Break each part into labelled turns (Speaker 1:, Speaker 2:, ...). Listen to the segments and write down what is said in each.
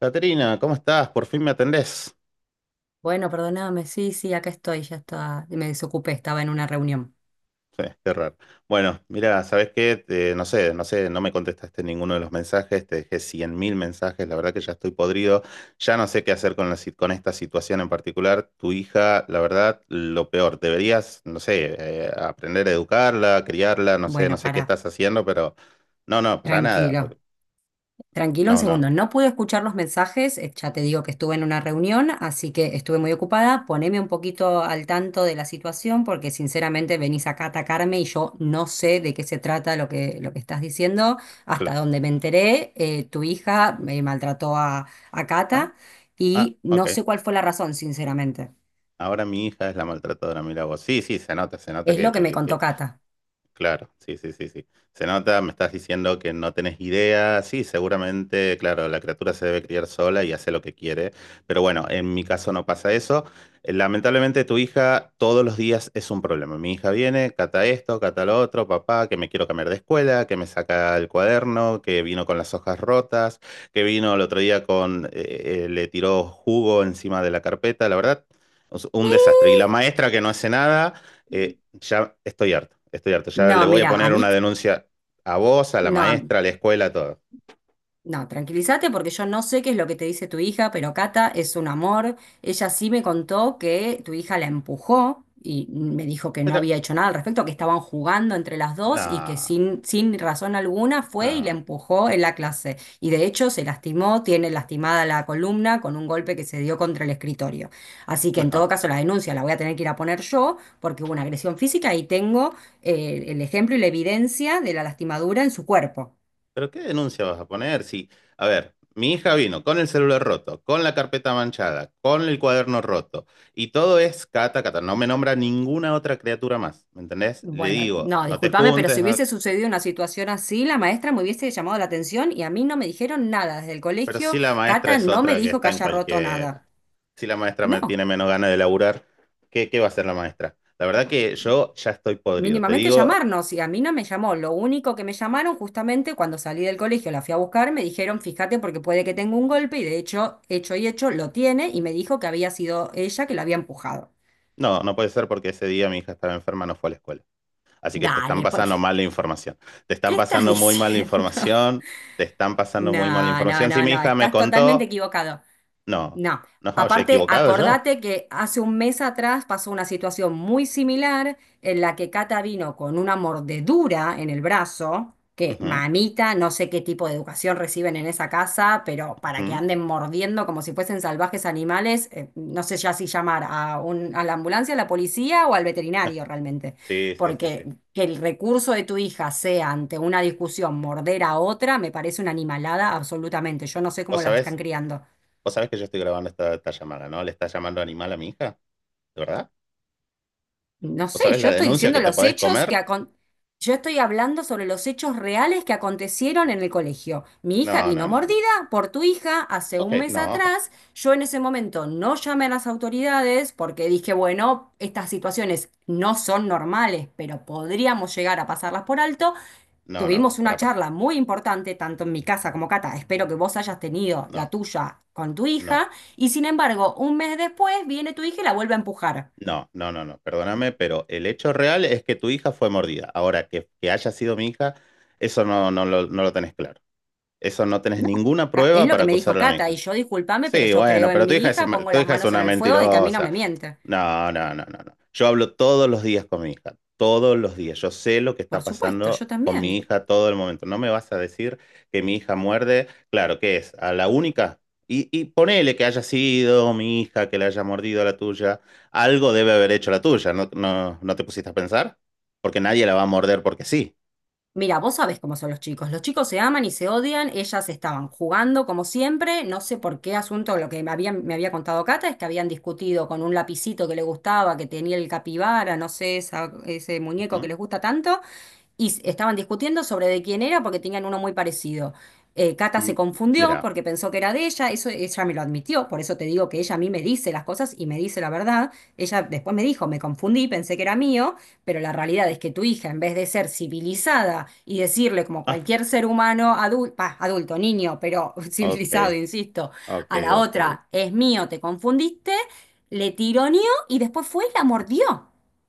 Speaker 1: Caterina, ¿cómo estás? Por fin me atendés.
Speaker 2: Bueno, perdóname, sí, sí, acá estoy, ya estaba, me desocupé, estaba en una reunión.
Speaker 1: Sí, qué raro. Bueno, mira, ¿sabés qué? No sé, no me contestaste ninguno de los mensajes, te dejé 100.000 mensajes, la verdad que ya estoy podrido, ya no sé qué hacer con la, si- con esta situación en particular. Tu hija, la verdad, lo peor, deberías, no sé, aprender a educarla, criarla, no sé, no
Speaker 2: Bueno,
Speaker 1: sé qué
Speaker 2: pará,
Speaker 1: estás haciendo, pero no, no, para nada.
Speaker 2: tranquilo, tranquilo un
Speaker 1: No, no,
Speaker 2: segundo, no pude escuchar los mensajes, ya te digo que estuve en una reunión, así que estuve muy ocupada, poneme un poquito al tanto de la situación, porque sinceramente venís acá a atacarme y yo no sé de qué se trata lo que estás diciendo, hasta
Speaker 1: claro.
Speaker 2: donde me enteré, tu hija me maltrató a
Speaker 1: Ah,
Speaker 2: Cata
Speaker 1: ah,
Speaker 2: y no
Speaker 1: ok.
Speaker 2: sé cuál fue la razón, sinceramente,
Speaker 1: Ahora mi hija es la maltratadora, mira vos. Sí, sí, se nota
Speaker 2: es
Speaker 1: que,
Speaker 2: lo que
Speaker 1: que,
Speaker 2: me
Speaker 1: que-
Speaker 2: contó
Speaker 1: que-
Speaker 2: Cata.
Speaker 1: Claro, sí, sí, sí, sí. Se nota, me estás diciendo que no tenés idea. Sí, seguramente, claro, la criatura se debe criar sola y hace lo que quiere. Pero bueno, en mi caso no pasa eso. Lamentablemente tu hija todos los días es un problema. Mi hija viene, Cata esto, Cata lo otro, papá, que me quiero cambiar de escuela, que me saca el cuaderno, que vino con las hojas rotas, que vino el otro día le tiró jugo encima de la carpeta. La verdad, un desastre. Y la maestra que no hace nada. Ya estoy harto, estoy harto. Ya le
Speaker 2: No,
Speaker 1: voy a
Speaker 2: mira, a
Speaker 1: poner
Speaker 2: mí,
Speaker 1: una denuncia a vos, a la
Speaker 2: no, a-
Speaker 1: maestra, a la escuela, a todo.
Speaker 2: no, tranquilízate porque yo no sé qué es lo que te dice tu hija, pero Cata es un amor. Ella sí me contó que tu hija la empujó y me dijo que no
Speaker 1: Pero,
Speaker 2: había hecho nada al respecto, que estaban jugando entre las dos y que
Speaker 1: no,
Speaker 2: sin razón alguna fue y la
Speaker 1: no,
Speaker 2: empujó en la clase. Y de hecho se lastimó, tiene lastimada la columna con un golpe que se dio contra el escritorio. Así que en
Speaker 1: no.
Speaker 2: todo caso la denuncia la voy a tener que ir a poner yo porque hubo una agresión física y tengo el ejemplo y la evidencia de la lastimadura en su cuerpo.
Speaker 1: ¿Pero qué denuncia vas a poner? Si, a ver, mi hija vino con el celular roto, con la carpeta manchada, con el cuaderno roto, y todo es Cata, Cata. No me nombra ninguna otra criatura más, ¿me entendés? Le
Speaker 2: Bueno,
Speaker 1: digo,
Speaker 2: no,
Speaker 1: no te
Speaker 2: discúlpame, pero
Speaker 1: juntes,
Speaker 2: si
Speaker 1: no.
Speaker 2: hubiese sucedido una situación así, la maestra me hubiese llamado la atención y a mí no me dijeron nada. Desde el
Speaker 1: Pero
Speaker 2: colegio,
Speaker 1: sí la maestra
Speaker 2: Cata
Speaker 1: es
Speaker 2: no me
Speaker 1: otra que
Speaker 2: dijo que
Speaker 1: está en
Speaker 2: haya roto
Speaker 1: cualquiera.
Speaker 2: nada.
Speaker 1: Si la maestra me
Speaker 2: No,
Speaker 1: tiene menos ganas de laburar, ¿qué va a hacer la maestra? La verdad que yo ya estoy podrido. Te
Speaker 2: mínimamente
Speaker 1: digo,
Speaker 2: llamarnos y a mí no me llamó. Lo único que me llamaron justamente cuando salí del colegio, la fui a buscar, me dijeron, fíjate porque puede que tenga un golpe y de hecho, hecho y hecho, lo tiene y me dijo que había sido ella que la había empujado.
Speaker 1: no, no puede ser porque ese día mi hija estaba enferma, no fue a la escuela. Así que te están
Speaker 2: Dale, pues,
Speaker 1: pasando
Speaker 2: ¿qué
Speaker 1: mala información. Te están
Speaker 2: qué estás
Speaker 1: pasando muy mala
Speaker 2: diciendo?
Speaker 1: información. Te están pasando muy mala
Speaker 2: No, no,
Speaker 1: información. Si
Speaker 2: no,
Speaker 1: mi
Speaker 2: no,
Speaker 1: hija me
Speaker 2: estás totalmente
Speaker 1: contó,
Speaker 2: equivocado.
Speaker 1: no,
Speaker 2: No.
Speaker 1: no, he
Speaker 2: Aparte,
Speaker 1: equivocado yo.
Speaker 2: acordate que hace un mes atrás pasó una situación muy similar en la que Cata vino con una mordedura en el brazo, que
Speaker 1: Ujú,
Speaker 2: mamita, no sé qué tipo de educación reciben en esa casa, pero para que
Speaker 1: ujú.
Speaker 2: anden mordiendo como si fuesen salvajes animales, no sé ya si llamar a a la ambulancia, a la policía o al veterinario realmente.
Speaker 1: Sí, sí, sí,
Speaker 2: Porque
Speaker 1: sí.
Speaker 2: que el recurso de tu hija sea ante una discusión morder a otra, me parece una animalada absolutamente. Yo no sé
Speaker 1: ¿Vos
Speaker 2: cómo las están
Speaker 1: sabés,
Speaker 2: criando.
Speaker 1: vos sabés que yo estoy grabando esta llamada, ¿no? ¿Le está llamando animal a mi hija? ¿De verdad?
Speaker 2: No
Speaker 1: ¿Vos
Speaker 2: sé,
Speaker 1: sabés la denuncia que te podés comer?
Speaker 2: yo estoy hablando sobre los hechos reales que acontecieron en el colegio. Mi hija
Speaker 1: No,
Speaker 2: vino
Speaker 1: no, no, no.
Speaker 2: mordida por tu hija hace
Speaker 1: Ok,
Speaker 2: un mes
Speaker 1: no,
Speaker 2: atrás. Yo en ese momento no llamé a las autoridades porque dije, bueno, estas situaciones no son normales, pero podríamos llegar a pasarlas por alto.
Speaker 1: no, no, no,
Speaker 2: Tuvimos una
Speaker 1: pará, pará, pará.
Speaker 2: charla muy importante, tanto en mi casa como Cata. Espero que vos hayas tenido la
Speaker 1: No,
Speaker 2: tuya con tu
Speaker 1: no,
Speaker 2: hija. Y sin embargo, un mes después viene tu hija y la vuelve a empujar.
Speaker 1: no, no, no, no. Perdóname, pero el hecho real es que tu hija fue mordida. Ahora, que haya sido mi hija, eso no, no lo tenés claro. Eso no tenés
Speaker 2: No,
Speaker 1: ninguna
Speaker 2: Es
Speaker 1: prueba
Speaker 2: lo
Speaker 1: para
Speaker 2: que me dijo
Speaker 1: acusarla a mi
Speaker 2: Cata, y
Speaker 1: hija.
Speaker 2: yo discúlpame, pero
Speaker 1: Sí,
Speaker 2: yo creo
Speaker 1: bueno,
Speaker 2: en
Speaker 1: pero tu
Speaker 2: mi
Speaker 1: hija es,
Speaker 2: hija,
Speaker 1: ma-
Speaker 2: pongo
Speaker 1: tu
Speaker 2: las
Speaker 1: hija es
Speaker 2: manos en
Speaker 1: una
Speaker 2: el fuego de que a mí no
Speaker 1: mentirosa.
Speaker 2: me miente.
Speaker 1: No, no, no, no, no. Yo hablo todos los días con mi hija, todos los días. Yo sé lo que
Speaker 2: Por
Speaker 1: está
Speaker 2: supuesto,
Speaker 1: pasando
Speaker 2: yo
Speaker 1: con mi
Speaker 2: también.
Speaker 1: hija todo el momento. No me vas a decir que mi hija muerde, claro, ¿qué es? A la única. Y ponele que haya sido mi hija que le haya mordido a la tuya. Algo debe haber hecho la tuya, ¿no, te pusiste a pensar? Porque nadie la va a morder porque sí.
Speaker 2: Mira, vos sabés cómo son los chicos. Los chicos se aman y se odian, ellas estaban jugando como siempre, no sé por qué asunto, lo que me habían- me había contado Cata es que habían discutido con un lapicito que le gustaba, que tenía el capibara, no sé, ese muñeco que
Speaker 1: Ujú.
Speaker 2: les gusta tanto, y estaban discutiendo sobre de quién era porque tenían uno muy parecido. Cata se
Speaker 1: Mm,
Speaker 2: confundió
Speaker 1: Mira,
Speaker 2: porque pensó que era de ella, eso ella me lo admitió, por eso te digo que ella a mí me dice las cosas y me dice la verdad. Ella después me dijo, me confundí, pensé que era mío, pero la realidad es que tu hija, en vez de ser civilizada y decirle como
Speaker 1: ah,
Speaker 2: cualquier ser humano adulto, niño, pero
Speaker 1: ok,
Speaker 2: civilizado, insisto,
Speaker 1: ok,
Speaker 2: a la
Speaker 1: ok.
Speaker 2: otra, es mío, te confundiste, le tironeó y después fue y la mordió.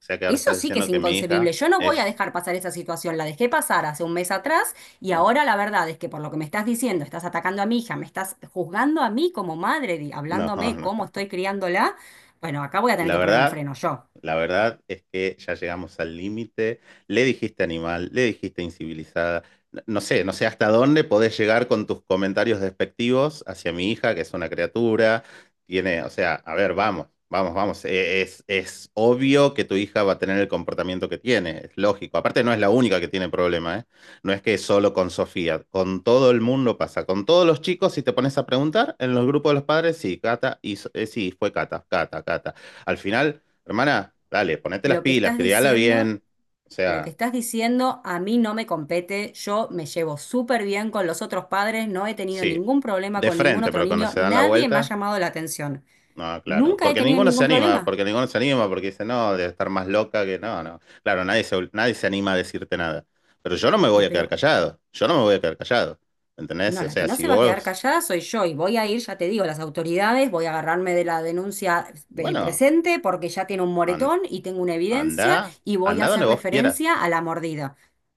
Speaker 1: O sea que ahora
Speaker 2: Eso
Speaker 1: estás
Speaker 2: sí que es
Speaker 1: diciendo que mi
Speaker 2: inconcebible.
Speaker 1: hija
Speaker 2: Yo no voy a
Speaker 1: es...
Speaker 2: dejar pasar esa situación. La dejé pasar hace un mes atrás y
Speaker 1: No,
Speaker 2: ahora la verdad es que por lo que me estás diciendo, estás atacando a mi hija, me estás juzgando a mí como madre,
Speaker 1: no, no,
Speaker 2: hablándome cómo
Speaker 1: no.
Speaker 2: estoy criándola. Bueno, acá voy a tener
Speaker 1: La
Speaker 2: que poner un
Speaker 1: verdad...
Speaker 2: freno yo.
Speaker 1: La verdad es que ya llegamos al límite. Le dijiste animal, le dijiste incivilizada. No, no sé hasta dónde podés llegar con tus comentarios despectivos hacia mi hija, que es una criatura. Tiene, o sea, a ver, vamos, vamos, vamos. Es obvio que tu hija va a tener el comportamiento que tiene, es lógico. Aparte, no es la única que tiene problema, ¿eh? No es que solo con Sofía, con todo el mundo pasa. Con todos los chicos, si te pones a preguntar, en los grupos de los padres, sí, Cata, sí, fue Cata, Cata, Cata. Al final. Hermana, dale, ponete las
Speaker 2: Lo que
Speaker 1: pilas,
Speaker 2: estás
Speaker 1: criala
Speaker 2: diciendo,
Speaker 1: bien. O
Speaker 2: lo que
Speaker 1: sea,
Speaker 2: estás diciendo a mí no me compete. Yo me llevo súper bien con los otros padres, no he tenido
Speaker 1: sí,
Speaker 2: ningún problema
Speaker 1: de
Speaker 2: con ningún
Speaker 1: frente,
Speaker 2: otro
Speaker 1: pero cuando
Speaker 2: niño,
Speaker 1: se dan la
Speaker 2: nadie me ha
Speaker 1: vuelta,
Speaker 2: llamado la atención.
Speaker 1: no, claro.
Speaker 2: Nunca he
Speaker 1: Porque
Speaker 2: tenido
Speaker 1: ninguno se
Speaker 2: ningún
Speaker 1: anima,
Speaker 2: problema.
Speaker 1: porque ninguno se anima, porque dice, no, debe estar más loca que no, no. Claro, nadie se anima a decirte nada. Pero yo no me voy
Speaker 2: Y
Speaker 1: a quedar
Speaker 2: pero
Speaker 1: callado, yo no me voy a quedar callado. ¿Entendés?
Speaker 2: No,
Speaker 1: O
Speaker 2: la que
Speaker 1: sea,
Speaker 2: no
Speaker 1: si
Speaker 2: se va a quedar
Speaker 1: vos,
Speaker 2: callada soy yo y voy a ir, ya te digo, a las autoridades, voy a agarrarme de la denuncia
Speaker 1: bueno,
Speaker 2: presente porque ya tiene un
Speaker 1: an-
Speaker 2: moretón y tengo una evidencia
Speaker 1: anda
Speaker 2: y voy a
Speaker 1: anda
Speaker 2: hacer
Speaker 1: donde vos quieras.
Speaker 2: referencia a la mordida.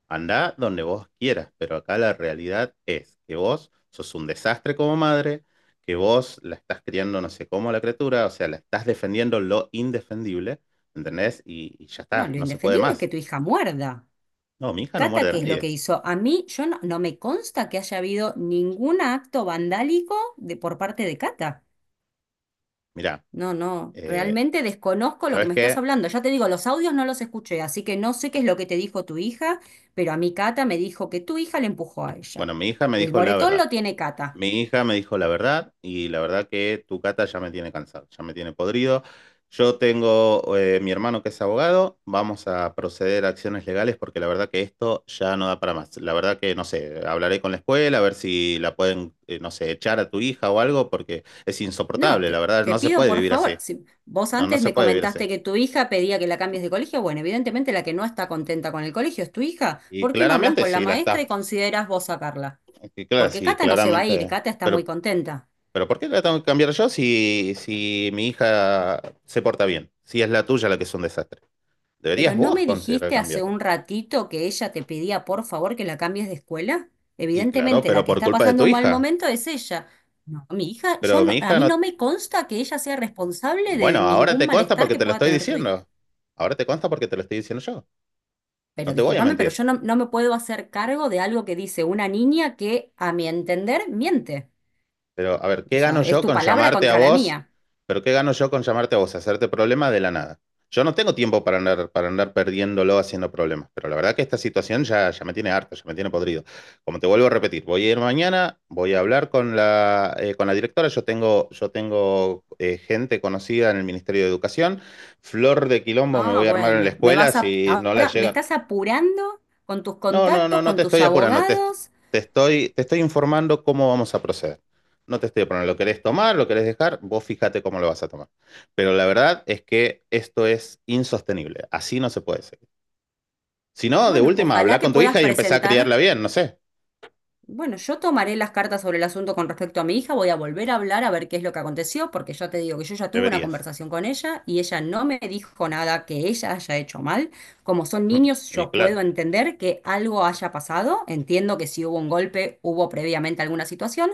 Speaker 1: Andá donde vos quieras, pero acá la realidad es que vos sos un desastre como madre, que vos la estás criando no sé cómo a la criatura, o sea, la estás defendiendo lo indefendible, ¿entendés? Y ya
Speaker 2: No,
Speaker 1: está,
Speaker 2: lo
Speaker 1: no se puede
Speaker 2: indefendible es que
Speaker 1: más.
Speaker 2: tu hija muerda.
Speaker 1: No, mi hija no
Speaker 2: Cata,
Speaker 1: muerde a
Speaker 2: ¿qué es lo que
Speaker 1: nadie.
Speaker 2: hizo? A mí, yo no, no me consta que haya habido ningún acto vandálico por parte de Cata.
Speaker 1: Mirá,
Speaker 2: No, no,
Speaker 1: eh,
Speaker 2: realmente desconozco lo que
Speaker 1: ¿sabes
Speaker 2: me estás
Speaker 1: qué?
Speaker 2: hablando. Ya te digo, los audios no los escuché, así que no sé qué es lo que te dijo tu hija, pero a mi Cata me dijo que tu hija le empujó a ella.
Speaker 1: Bueno, mi hija me
Speaker 2: El
Speaker 1: dijo la
Speaker 2: moretón
Speaker 1: verdad.
Speaker 2: lo tiene Cata.
Speaker 1: Mi hija me dijo la verdad y la verdad que tu Cata ya me tiene cansado, ya me tiene podrido. Yo tengo mi hermano que es abogado, vamos a proceder a acciones legales porque la verdad que esto ya no da para más. La verdad que no sé, hablaré con la escuela a ver si la pueden, no sé, echar a tu hija o algo porque es
Speaker 2: No,
Speaker 1: insoportable, la verdad
Speaker 2: te
Speaker 1: no se
Speaker 2: pido
Speaker 1: puede
Speaker 2: por
Speaker 1: vivir
Speaker 2: favor,
Speaker 1: así,
Speaker 2: si vos
Speaker 1: no, no
Speaker 2: antes
Speaker 1: se
Speaker 2: me
Speaker 1: puede vivir así.
Speaker 2: comentaste que tu hija pedía que la cambies de colegio, bueno, evidentemente la que no está contenta con el colegio es tu hija.
Speaker 1: Y
Speaker 2: ¿Por qué no hablas
Speaker 1: claramente
Speaker 2: con la
Speaker 1: sí la
Speaker 2: maestra
Speaker 1: está,
Speaker 2: y consideras vos sacarla?
Speaker 1: y claro,
Speaker 2: Porque
Speaker 1: sí,
Speaker 2: Cata no se va a ir,
Speaker 1: claramente,
Speaker 2: Cata está muy
Speaker 1: pero
Speaker 2: contenta.
Speaker 1: ¿Por qué la tengo que cambiar yo si mi hija se porta bien? Si es la tuya la que es un desastre.
Speaker 2: Pero
Speaker 1: Deberías
Speaker 2: ¿no
Speaker 1: vos
Speaker 2: me
Speaker 1: considerar
Speaker 2: dijiste hace
Speaker 1: cambiarla.
Speaker 2: un ratito que ella te pedía por favor que la cambies de escuela?
Speaker 1: Y claro,
Speaker 2: Evidentemente, la
Speaker 1: pero
Speaker 2: que
Speaker 1: por
Speaker 2: está
Speaker 1: culpa de
Speaker 2: pasando
Speaker 1: tu
Speaker 2: un mal
Speaker 1: hija.
Speaker 2: momento es ella. No, mi hija, yo
Speaker 1: Pero mi
Speaker 2: no- a
Speaker 1: hija
Speaker 2: mí
Speaker 1: no...
Speaker 2: no me consta que ella sea responsable
Speaker 1: Bueno,
Speaker 2: de
Speaker 1: ahora
Speaker 2: ningún
Speaker 1: te consta
Speaker 2: malestar
Speaker 1: porque
Speaker 2: que
Speaker 1: te lo
Speaker 2: pueda
Speaker 1: estoy
Speaker 2: tener tu hija.
Speaker 1: diciendo. Ahora te consta porque te lo estoy diciendo yo. No
Speaker 2: Pero
Speaker 1: te voy a
Speaker 2: discúlpame, pero
Speaker 1: mentir.
Speaker 2: yo no, no me puedo hacer cargo de algo que dice una niña que, a mi entender, miente.
Speaker 1: Pero, a ver,
Speaker 2: O
Speaker 1: ¿qué gano
Speaker 2: sea, es
Speaker 1: yo
Speaker 2: tu
Speaker 1: con
Speaker 2: palabra
Speaker 1: llamarte a
Speaker 2: contra la
Speaker 1: vos?
Speaker 2: mía.
Speaker 1: Pero ¿qué gano yo con llamarte a vos? Hacerte problemas de la nada. Yo no tengo tiempo para andar perdiéndolo haciendo problemas, pero la verdad que esta situación ya me tiene harto, ya me tiene podrido. Como te vuelvo a repetir, voy a ir mañana, voy a hablar con la directora, yo tengo gente conocida en el Ministerio de Educación, flor de quilombo me
Speaker 2: Ah,
Speaker 1: voy a armar en la
Speaker 2: bueno,
Speaker 1: escuela, si no la
Speaker 2: ahora me
Speaker 1: llegan,
Speaker 2: estás apurando con tus
Speaker 1: no, no, no,
Speaker 2: contactos,
Speaker 1: no
Speaker 2: con
Speaker 1: te
Speaker 2: tus
Speaker 1: estoy apurando, te,
Speaker 2: abogados.
Speaker 1: te estoy, te estoy informando cómo vamos a proceder. No te estoy apurando, lo querés tomar, lo querés dejar, vos fíjate cómo lo vas a tomar. Pero la verdad es que esto es insostenible, así no se puede seguir. Si no, de
Speaker 2: Bueno,
Speaker 1: última,
Speaker 2: ojalá
Speaker 1: habla
Speaker 2: que
Speaker 1: con tu
Speaker 2: puedas
Speaker 1: hija y empezá a
Speaker 2: presentar
Speaker 1: criarla bien, no sé,
Speaker 2: Bueno, yo tomaré las cartas sobre el asunto con respecto a mi hija, voy a volver a hablar a ver qué es lo que aconteció, porque ya te digo que yo ya tuve una
Speaker 1: deberías.
Speaker 2: conversación con ella y ella no me dijo nada que ella haya hecho mal. Como son niños,
Speaker 1: Y
Speaker 2: yo puedo
Speaker 1: claro,
Speaker 2: entender que algo haya pasado, entiendo que si hubo un golpe, hubo previamente alguna situación,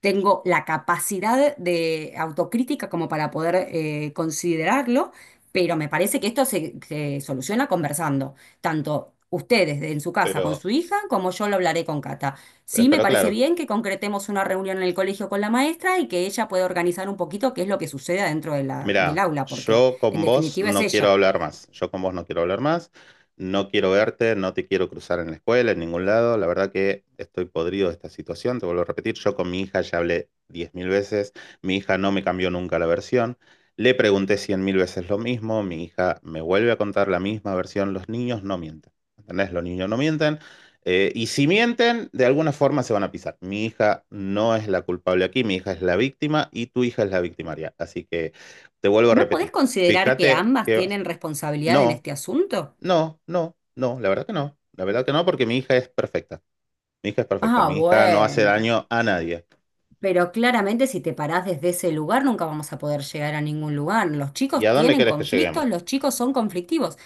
Speaker 2: tengo la capacidad de autocrítica como para poder considerarlo, pero me parece que se soluciona conversando, tanto ustedes en su casa con
Speaker 1: pero,
Speaker 2: su hija como yo lo hablaré con Cata. Sí, me
Speaker 1: pero
Speaker 2: parece
Speaker 1: claro.
Speaker 2: bien que concretemos una reunión en el colegio con la maestra y que ella pueda organizar un poquito qué es lo que sucede dentro de del
Speaker 1: Mira,
Speaker 2: aula, porque
Speaker 1: yo
Speaker 2: en
Speaker 1: con vos
Speaker 2: definitiva es
Speaker 1: no quiero
Speaker 2: ella.
Speaker 1: hablar más. Yo con vos no quiero hablar más. No quiero verte, no te quiero cruzar en la escuela, en ningún lado. La verdad que estoy podrido de esta situación. Te vuelvo a repetir, yo con mi hija ya hablé 10.000 veces. Mi hija no me cambió nunca la versión. Le pregunté 100.000 veces lo mismo. Mi hija me vuelve a contar la misma versión. Los niños no mienten. ¿Entendés? Los niños no mienten. Y si mienten, de alguna forma se van a pisar. Mi hija no es la culpable aquí, mi hija es la víctima y tu hija es la victimaria. Así que te vuelvo a
Speaker 2: ¿No podés
Speaker 1: repetir.
Speaker 2: considerar que
Speaker 1: Fíjate
Speaker 2: ambas
Speaker 1: que
Speaker 2: tienen responsabilidad en
Speaker 1: no,
Speaker 2: este asunto?
Speaker 1: no, no, no, la verdad que no. La verdad que no, porque mi hija es perfecta. Mi hija es perfecta.
Speaker 2: Ah,
Speaker 1: Mi hija no hace
Speaker 2: bueno.
Speaker 1: daño a nadie.
Speaker 2: Pero claramente si te parás desde ese lugar nunca vamos a poder llegar a ningún lugar. Los
Speaker 1: ¿Y a
Speaker 2: chicos
Speaker 1: dónde
Speaker 2: tienen
Speaker 1: querés que
Speaker 2: conflictos,
Speaker 1: lleguemos?
Speaker 2: los chicos son conflictivos.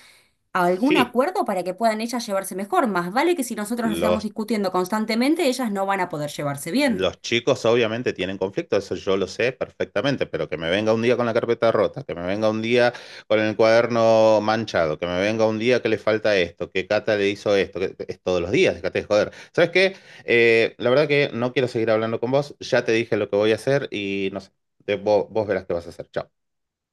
Speaker 2: Algún
Speaker 1: Sí,
Speaker 2: acuerdo para que puedan ellas llevarse mejor. Más vale que si nosotros nos estamos
Speaker 1: los
Speaker 2: discutiendo constantemente, ellas no van a poder llevarse bien.
Speaker 1: Los chicos obviamente tienen conflicto, eso yo lo sé perfectamente, pero que me venga un día con la carpeta rota, que me venga un día con el cuaderno manchado, que me venga un día que le falta esto, que Cata le hizo esto, que es todos los días, déjate de joder. ¿Sabes qué? La verdad que no quiero seguir hablando con vos, ya te dije lo que voy a hacer y no sé, vos verás qué vas a hacer, chao.